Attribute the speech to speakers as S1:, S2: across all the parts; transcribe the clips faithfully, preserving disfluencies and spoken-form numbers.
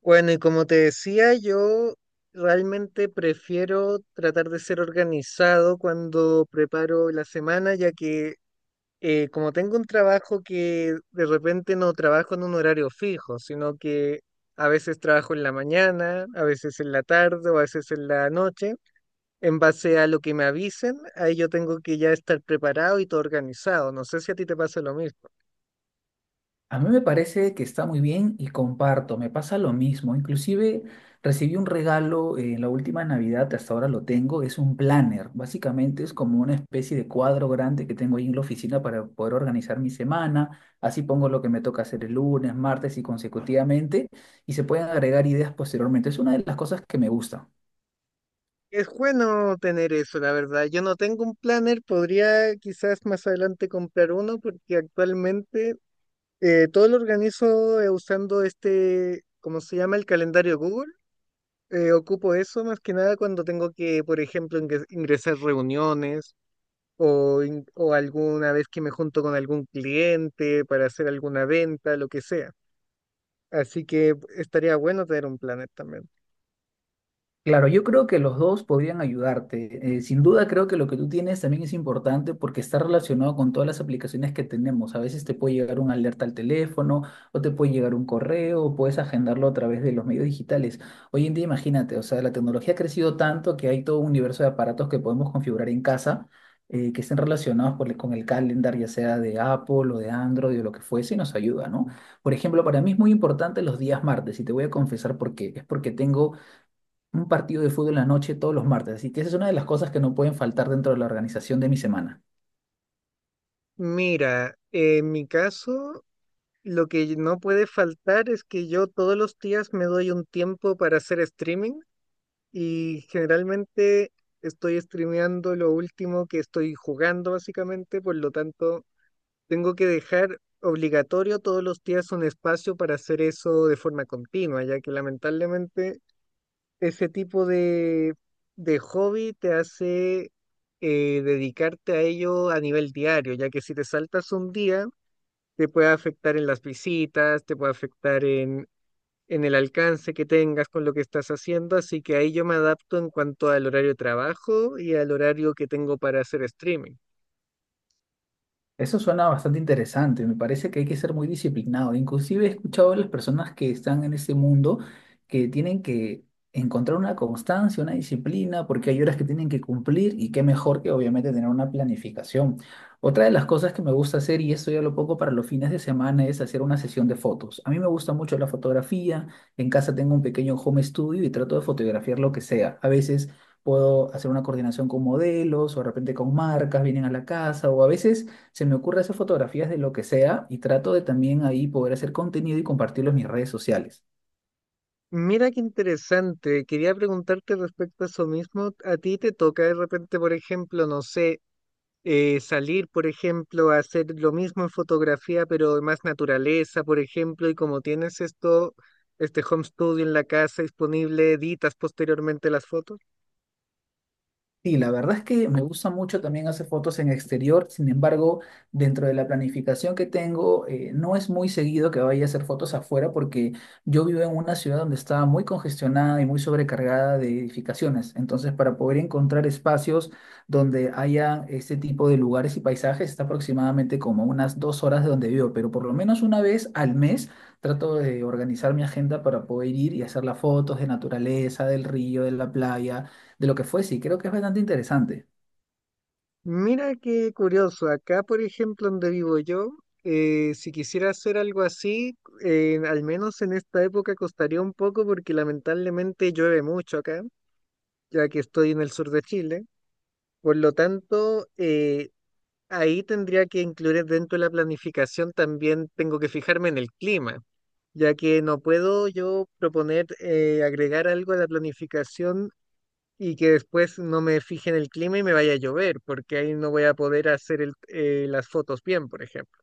S1: Bueno, y como te decía, yo realmente prefiero tratar de ser organizado cuando preparo la semana, ya que eh, como tengo un trabajo que de repente no trabajo en un horario fijo, sino que a veces trabajo en la mañana, a veces en la tarde o a veces en la noche, en base a lo que me avisen, ahí yo tengo que ya estar preparado y todo organizado. No sé si a ti te pasa lo mismo.
S2: A mí me parece que está muy bien y comparto, me pasa lo mismo. Inclusive recibí un regalo eh, en la última Navidad, hasta ahora lo tengo, es un planner. Básicamente es como una especie de cuadro grande que tengo ahí en la oficina para poder organizar mi semana. Así pongo lo que me toca hacer el lunes, martes y consecutivamente y se pueden agregar ideas posteriormente. Es una de las cosas que me gusta.
S1: Es bueno tener eso, la verdad. Yo no tengo un planner, podría quizás más adelante comprar uno porque actualmente eh, todo lo organizo eh, usando este, ¿cómo se llama? El calendario Google. Eh, ocupo eso más que nada cuando tengo que, por ejemplo, ingre- ingresar reuniones o, in- o alguna vez que me junto con algún cliente para hacer alguna venta, lo que sea. Así que estaría bueno tener un planner también.
S2: Claro, yo creo que los dos podrían ayudarte. Eh, sin duda creo que lo que tú tienes también es importante porque está relacionado con todas las aplicaciones que tenemos. A veces te puede llegar una alerta al teléfono o te puede llegar un correo o puedes agendarlo a través de los medios digitales. Hoy en día imagínate, o sea, la tecnología ha crecido tanto que hay todo un universo de aparatos que podemos configurar en casa eh, que estén relacionados por el- con el calendar, ya sea de Apple o de Android o lo que fuese, y nos ayuda, ¿no? Por ejemplo, para mí es muy importante los días martes y te voy a confesar por qué. Es porque tengo un partido de fútbol en la noche todos los martes. Así que esa es una de las cosas que no pueden faltar dentro de la organización de mi semana.
S1: Mira, en mi caso... Lo que no puede faltar es que yo todos los días me doy un tiempo para hacer streaming y generalmente estoy streameando lo último que estoy jugando básicamente, por lo tanto tengo que dejar obligatorio todos los días un espacio para hacer eso de forma continua, ya que lamentablemente ese tipo de, de hobby te hace eh, dedicarte a ello a nivel diario, ya que si te saltas un día te puede afectar en las visitas, te puede afectar en, en el alcance que tengas con lo que estás haciendo, así que ahí yo me adapto en cuanto al horario de trabajo y al horario que tengo para hacer streaming.
S2: Eso suena bastante interesante, me parece que hay que ser muy disciplinado. Inclusive he escuchado a las personas que están en ese mundo que tienen que encontrar una constancia, una disciplina, porque hay horas que tienen que cumplir y qué mejor que obviamente tener una planificación. Otra de las cosas que me gusta hacer, y esto ya lo poco para los fines de semana, es hacer una sesión de fotos. A mí me gusta mucho la fotografía, en casa tengo un pequeño home studio y trato de fotografiar lo que sea. A veces puedo hacer una coordinación con modelos o de repente con marcas, vienen a la casa o a veces se me ocurre hacer fotografías de lo que sea y trato de también ahí poder hacer contenido y compartirlo en mis redes sociales.
S1: Mira qué interesante, quería preguntarte respecto a eso mismo, ¿a ti te toca de repente, por ejemplo, no sé, eh, salir, por ejemplo, a hacer lo mismo en fotografía, pero más naturaleza, por ejemplo, y como tienes esto, este home studio en la casa disponible, editas posteriormente las fotos?
S2: Sí, la verdad es que me gusta mucho también hacer fotos en exterior. Sin embargo, dentro de la planificación que tengo, eh, no es muy seguido que vaya a hacer fotos afuera porque yo vivo en una ciudad donde está muy congestionada y muy sobrecargada de edificaciones. Entonces, para poder encontrar espacios donde haya este tipo de lugares y paisajes, está aproximadamente como unas dos horas de donde vivo, pero por lo menos una vez al mes trato de organizar mi agenda para poder ir y hacer las fotos de naturaleza, del río, de la playa, de lo que fuese. Y creo que es bastante interesante.
S1: Mira qué curioso, acá por ejemplo donde vivo yo, eh, si quisiera hacer algo así, eh, al menos en esta época costaría un poco porque lamentablemente llueve mucho acá, ya que estoy en el sur de Chile. Por lo tanto, eh, ahí tendría que incluir dentro de la planificación también tengo que fijarme en el clima, ya que no puedo yo proponer eh, agregar algo a la planificación y que después no me fije en el clima y me vaya a llover, porque ahí no voy a poder hacer el- eh, las fotos bien, por ejemplo.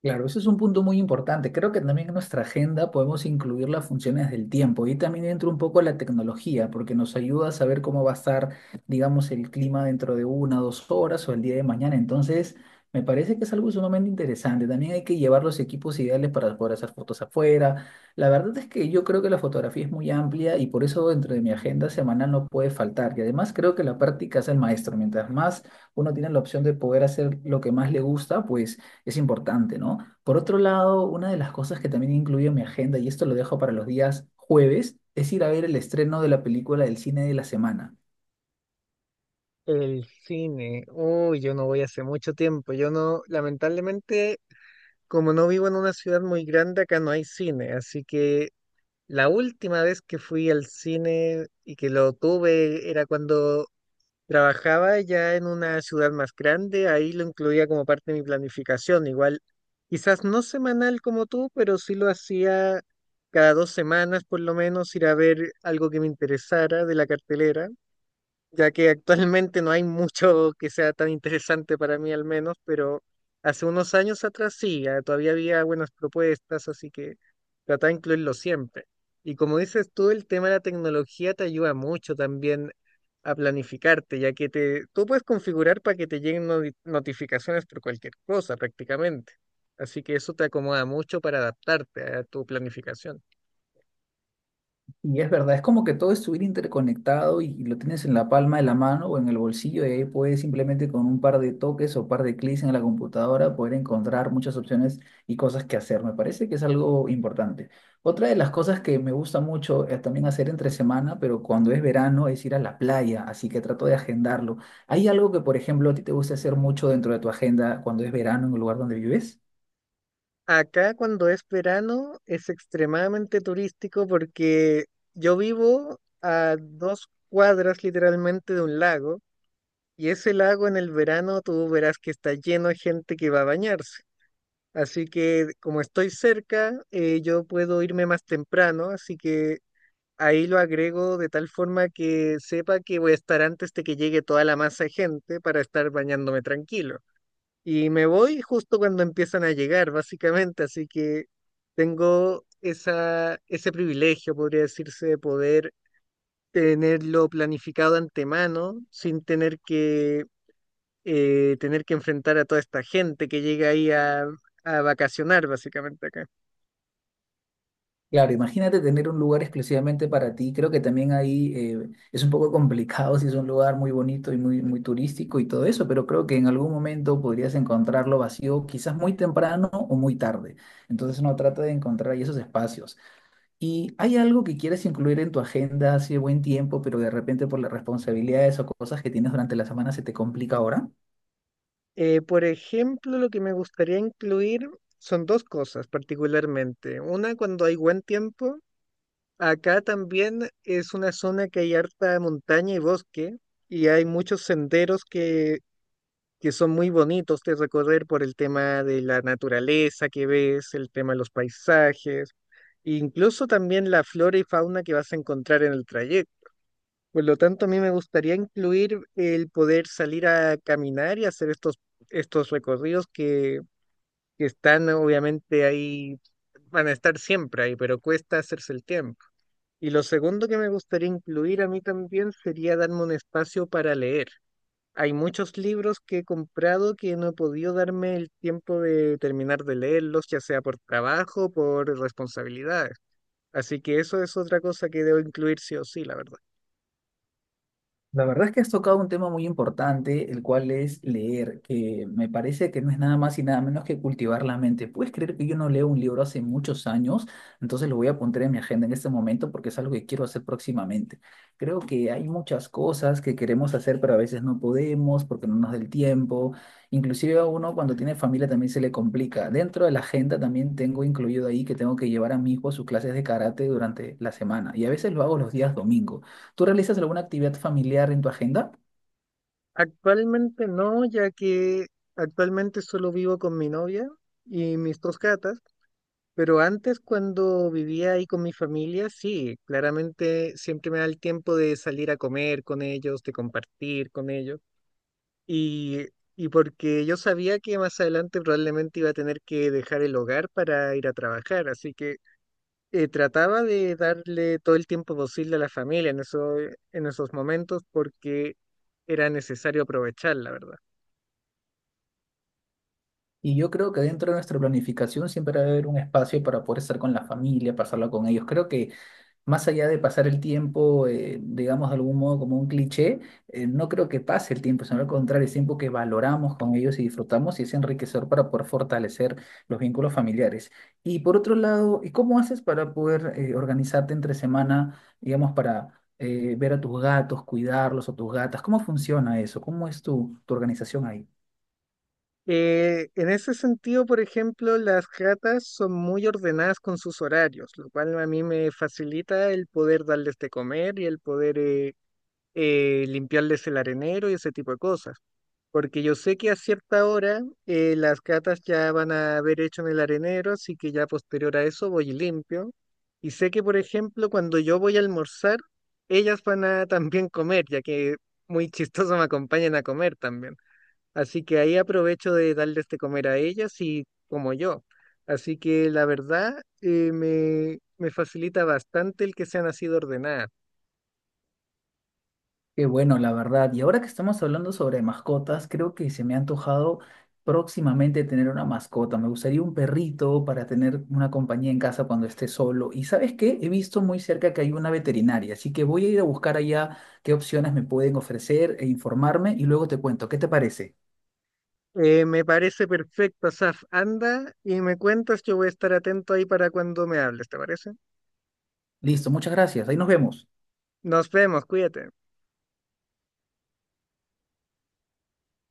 S2: Claro, ese es un punto muy importante. Creo que también en nuestra agenda podemos incluir las funciones del tiempo y también entra un poco la tecnología, porque nos ayuda a saber cómo va a estar, digamos, el clima dentro de una, dos horas o el día de mañana. Entonces, me parece que es algo sumamente interesante. También hay que llevar los equipos ideales para poder hacer fotos afuera. La verdad es que yo creo que la fotografía es muy amplia y por eso dentro de mi agenda semanal no puede faltar. Y además creo que la práctica es el maestro. Mientras más uno tiene la opción de poder hacer lo que más le gusta, pues es importante, ¿no? Por otro lado, una de las cosas que también incluyo en mi agenda, y esto lo dejo para los días jueves, es ir a ver el estreno de la película del cine de la semana.
S1: El cine, uy, yo no voy hace mucho tiempo, yo no, lamentablemente, como no vivo en una ciudad muy grande, acá no hay cine, así que la última vez que fui al cine y que lo tuve era cuando trabajaba ya en una ciudad más grande, ahí lo incluía como parte de mi planificación, igual quizás no semanal como tú, pero sí lo hacía cada dos semanas por lo menos, ir a ver algo que me interesara de la cartelera, ya que actualmente no hay mucho que sea tan interesante para mí al menos, pero hace unos años atrás sí, ah, todavía había buenas propuestas, así que trata de incluirlo siempre. Y como dices tú, el tema de la tecnología te ayuda mucho también a planificarte, ya que te, tú puedes configurar para que te lleguen noti- notificaciones por cualquier cosa prácticamente. Así que eso te acomoda mucho para adaptarte a tu planificación.
S2: Y es verdad, es como que todo estuviera interconectado y, y lo tienes en la palma de la mano o en el bolsillo y ahí puedes simplemente con un par de toques o par de clics en la computadora poder encontrar muchas opciones y cosas que hacer. Me parece que es algo importante. Otra de las cosas que me gusta mucho es también hacer entre semana, pero cuando es verano es ir a la playa, así que trato de agendarlo. ¿Hay algo que, por ejemplo, a ti te gusta hacer mucho dentro de tu agenda cuando es verano en el lugar donde vives?
S1: Acá cuando es verano es extremadamente turístico porque yo vivo a dos cuadras literalmente de un lago y ese lago en el verano tú verás que está lleno de gente que va a bañarse. Así que como estoy cerca, eh, yo puedo irme más temprano, así que ahí lo agrego de tal forma que sepa que voy a estar antes de que llegue toda la masa de gente para estar bañándome tranquilo. Y me voy justo cuando empiezan a llegar, básicamente, así que tengo esa, ese privilegio, podría decirse, de poder tenerlo planificado antemano sin tener que, eh, tener que enfrentar a toda esta gente que llega ahí a, a vacacionar, básicamente acá.
S2: Claro, imagínate tener un lugar exclusivamente para ti. Creo que también ahí eh, es un poco complicado si es un lugar muy bonito y muy, muy turístico y todo eso, pero creo que en algún momento podrías encontrarlo vacío, quizás muy temprano o muy tarde. Entonces uno trata de encontrar ahí esos espacios. ¿Y hay algo que quieres incluir en tu agenda hace buen tiempo, pero de repente por las responsabilidades o cosas que tienes durante la semana se te complica ahora?
S1: Eh, por ejemplo, lo que me gustaría incluir son dos cosas particularmente. Una, cuando hay buen tiempo, acá también es una zona que hay harta montaña y bosque y hay muchos senderos que, que son muy bonitos de recorrer por el tema de la naturaleza que ves, el tema de los paisajes, e incluso también la flora y fauna que vas a encontrar en el trayecto. Por lo tanto, a mí me gustaría incluir el poder salir a caminar y hacer estos, estos recorridos que, que están obviamente ahí, van a estar siempre ahí, pero cuesta hacerse el tiempo. Y lo segundo que me gustaría incluir a mí también sería darme un espacio para leer. Hay muchos libros que he comprado que no he podido darme el tiempo de terminar de leerlos, ya sea por trabajo por responsabilidades. Así que eso es otra cosa que debo incluir sí o sí, la verdad.
S2: La verdad es que has tocado un tema muy importante, el cual es leer, que me parece que no es nada más y nada menos que cultivar la mente. ¿Puedes creer que yo no leo un libro hace muchos años? Entonces lo voy a apuntar en mi agenda en este momento porque es algo que quiero hacer próximamente. Creo que hay muchas cosas que queremos hacer, pero a veces no podemos porque no nos da el tiempo. Inclusive a uno cuando tiene familia también se le complica. Dentro de la agenda también tengo incluido ahí que tengo que llevar a mi hijo a sus clases de karate durante la semana y a veces lo hago los días domingos. ¿Tú realizas alguna actividad familiar en tu agenda?
S1: Actualmente no, ya que actualmente solo vivo con mi novia y mis dos gatas. Pero antes, cuando vivía ahí con mi familia, sí, claramente siempre me da el tiempo de salir a comer con ellos, de compartir con ellos. Y, y porque yo sabía que más adelante probablemente iba a tener que dejar el hogar para ir a trabajar, así que eh, trataba de darle todo el tiempo posible a la familia en eso, en esos momentos porque era necesario aprovechar, la verdad.
S2: Y yo creo que dentro de nuestra planificación siempre va a haber un espacio para poder estar con la familia, pasarla con ellos. Creo que más allá de pasar el tiempo, eh, digamos de algún modo como un cliché, eh, no creo que pase el tiempo, sino al contrario, es tiempo que valoramos con ellos y disfrutamos y es enriquecedor para poder fortalecer los vínculos familiares. Y por otro lado, ¿y cómo haces para poder eh, organizarte entre semana, digamos, para eh, ver a tus gatos, cuidarlos o tus gatas? ¿Cómo funciona eso? ¿Cómo es tu, tu organización ahí?
S1: Eh, en ese sentido, por ejemplo, las ratas son muy ordenadas con sus horarios, lo cual a mí me facilita el poder darles de comer y el poder eh, eh, limpiarles el arenero y ese tipo de cosas. Porque yo sé que a cierta hora eh, las ratas ya van a haber hecho en el arenero, así que ya posterior a eso voy y limpio. Y sé que, por ejemplo, cuando yo voy a almorzar, ellas van a también comer, ya que muy chistoso me acompañan a comer también. Así que ahí aprovecho de darles de comer a ellas y como yo. Así que la verdad eh, me, me facilita bastante el que sean así de ordenadas.
S2: Qué bueno, la verdad. Y ahora que estamos hablando sobre mascotas, creo que se me ha antojado próximamente tener una mascota. Me gustaría un perrito para tener una compañía en casa cuando esté solo. Y ¿sabes qué? He visto muy cerca que hay una veterinaria, así que voy a ir a buscar allá qué opciones me pueden ofrecer e informarme y luego te cuento. ¿Qué te parece?
S1: Eh, me parece perfecto, Asaf. Anda y me cuentas, yo voy a estar atento ahí para cuando me hables, ¿te parece?
S2: Listo, muchas gracias. Ahí nos vemos.
S1: Nos vemos, cuídate.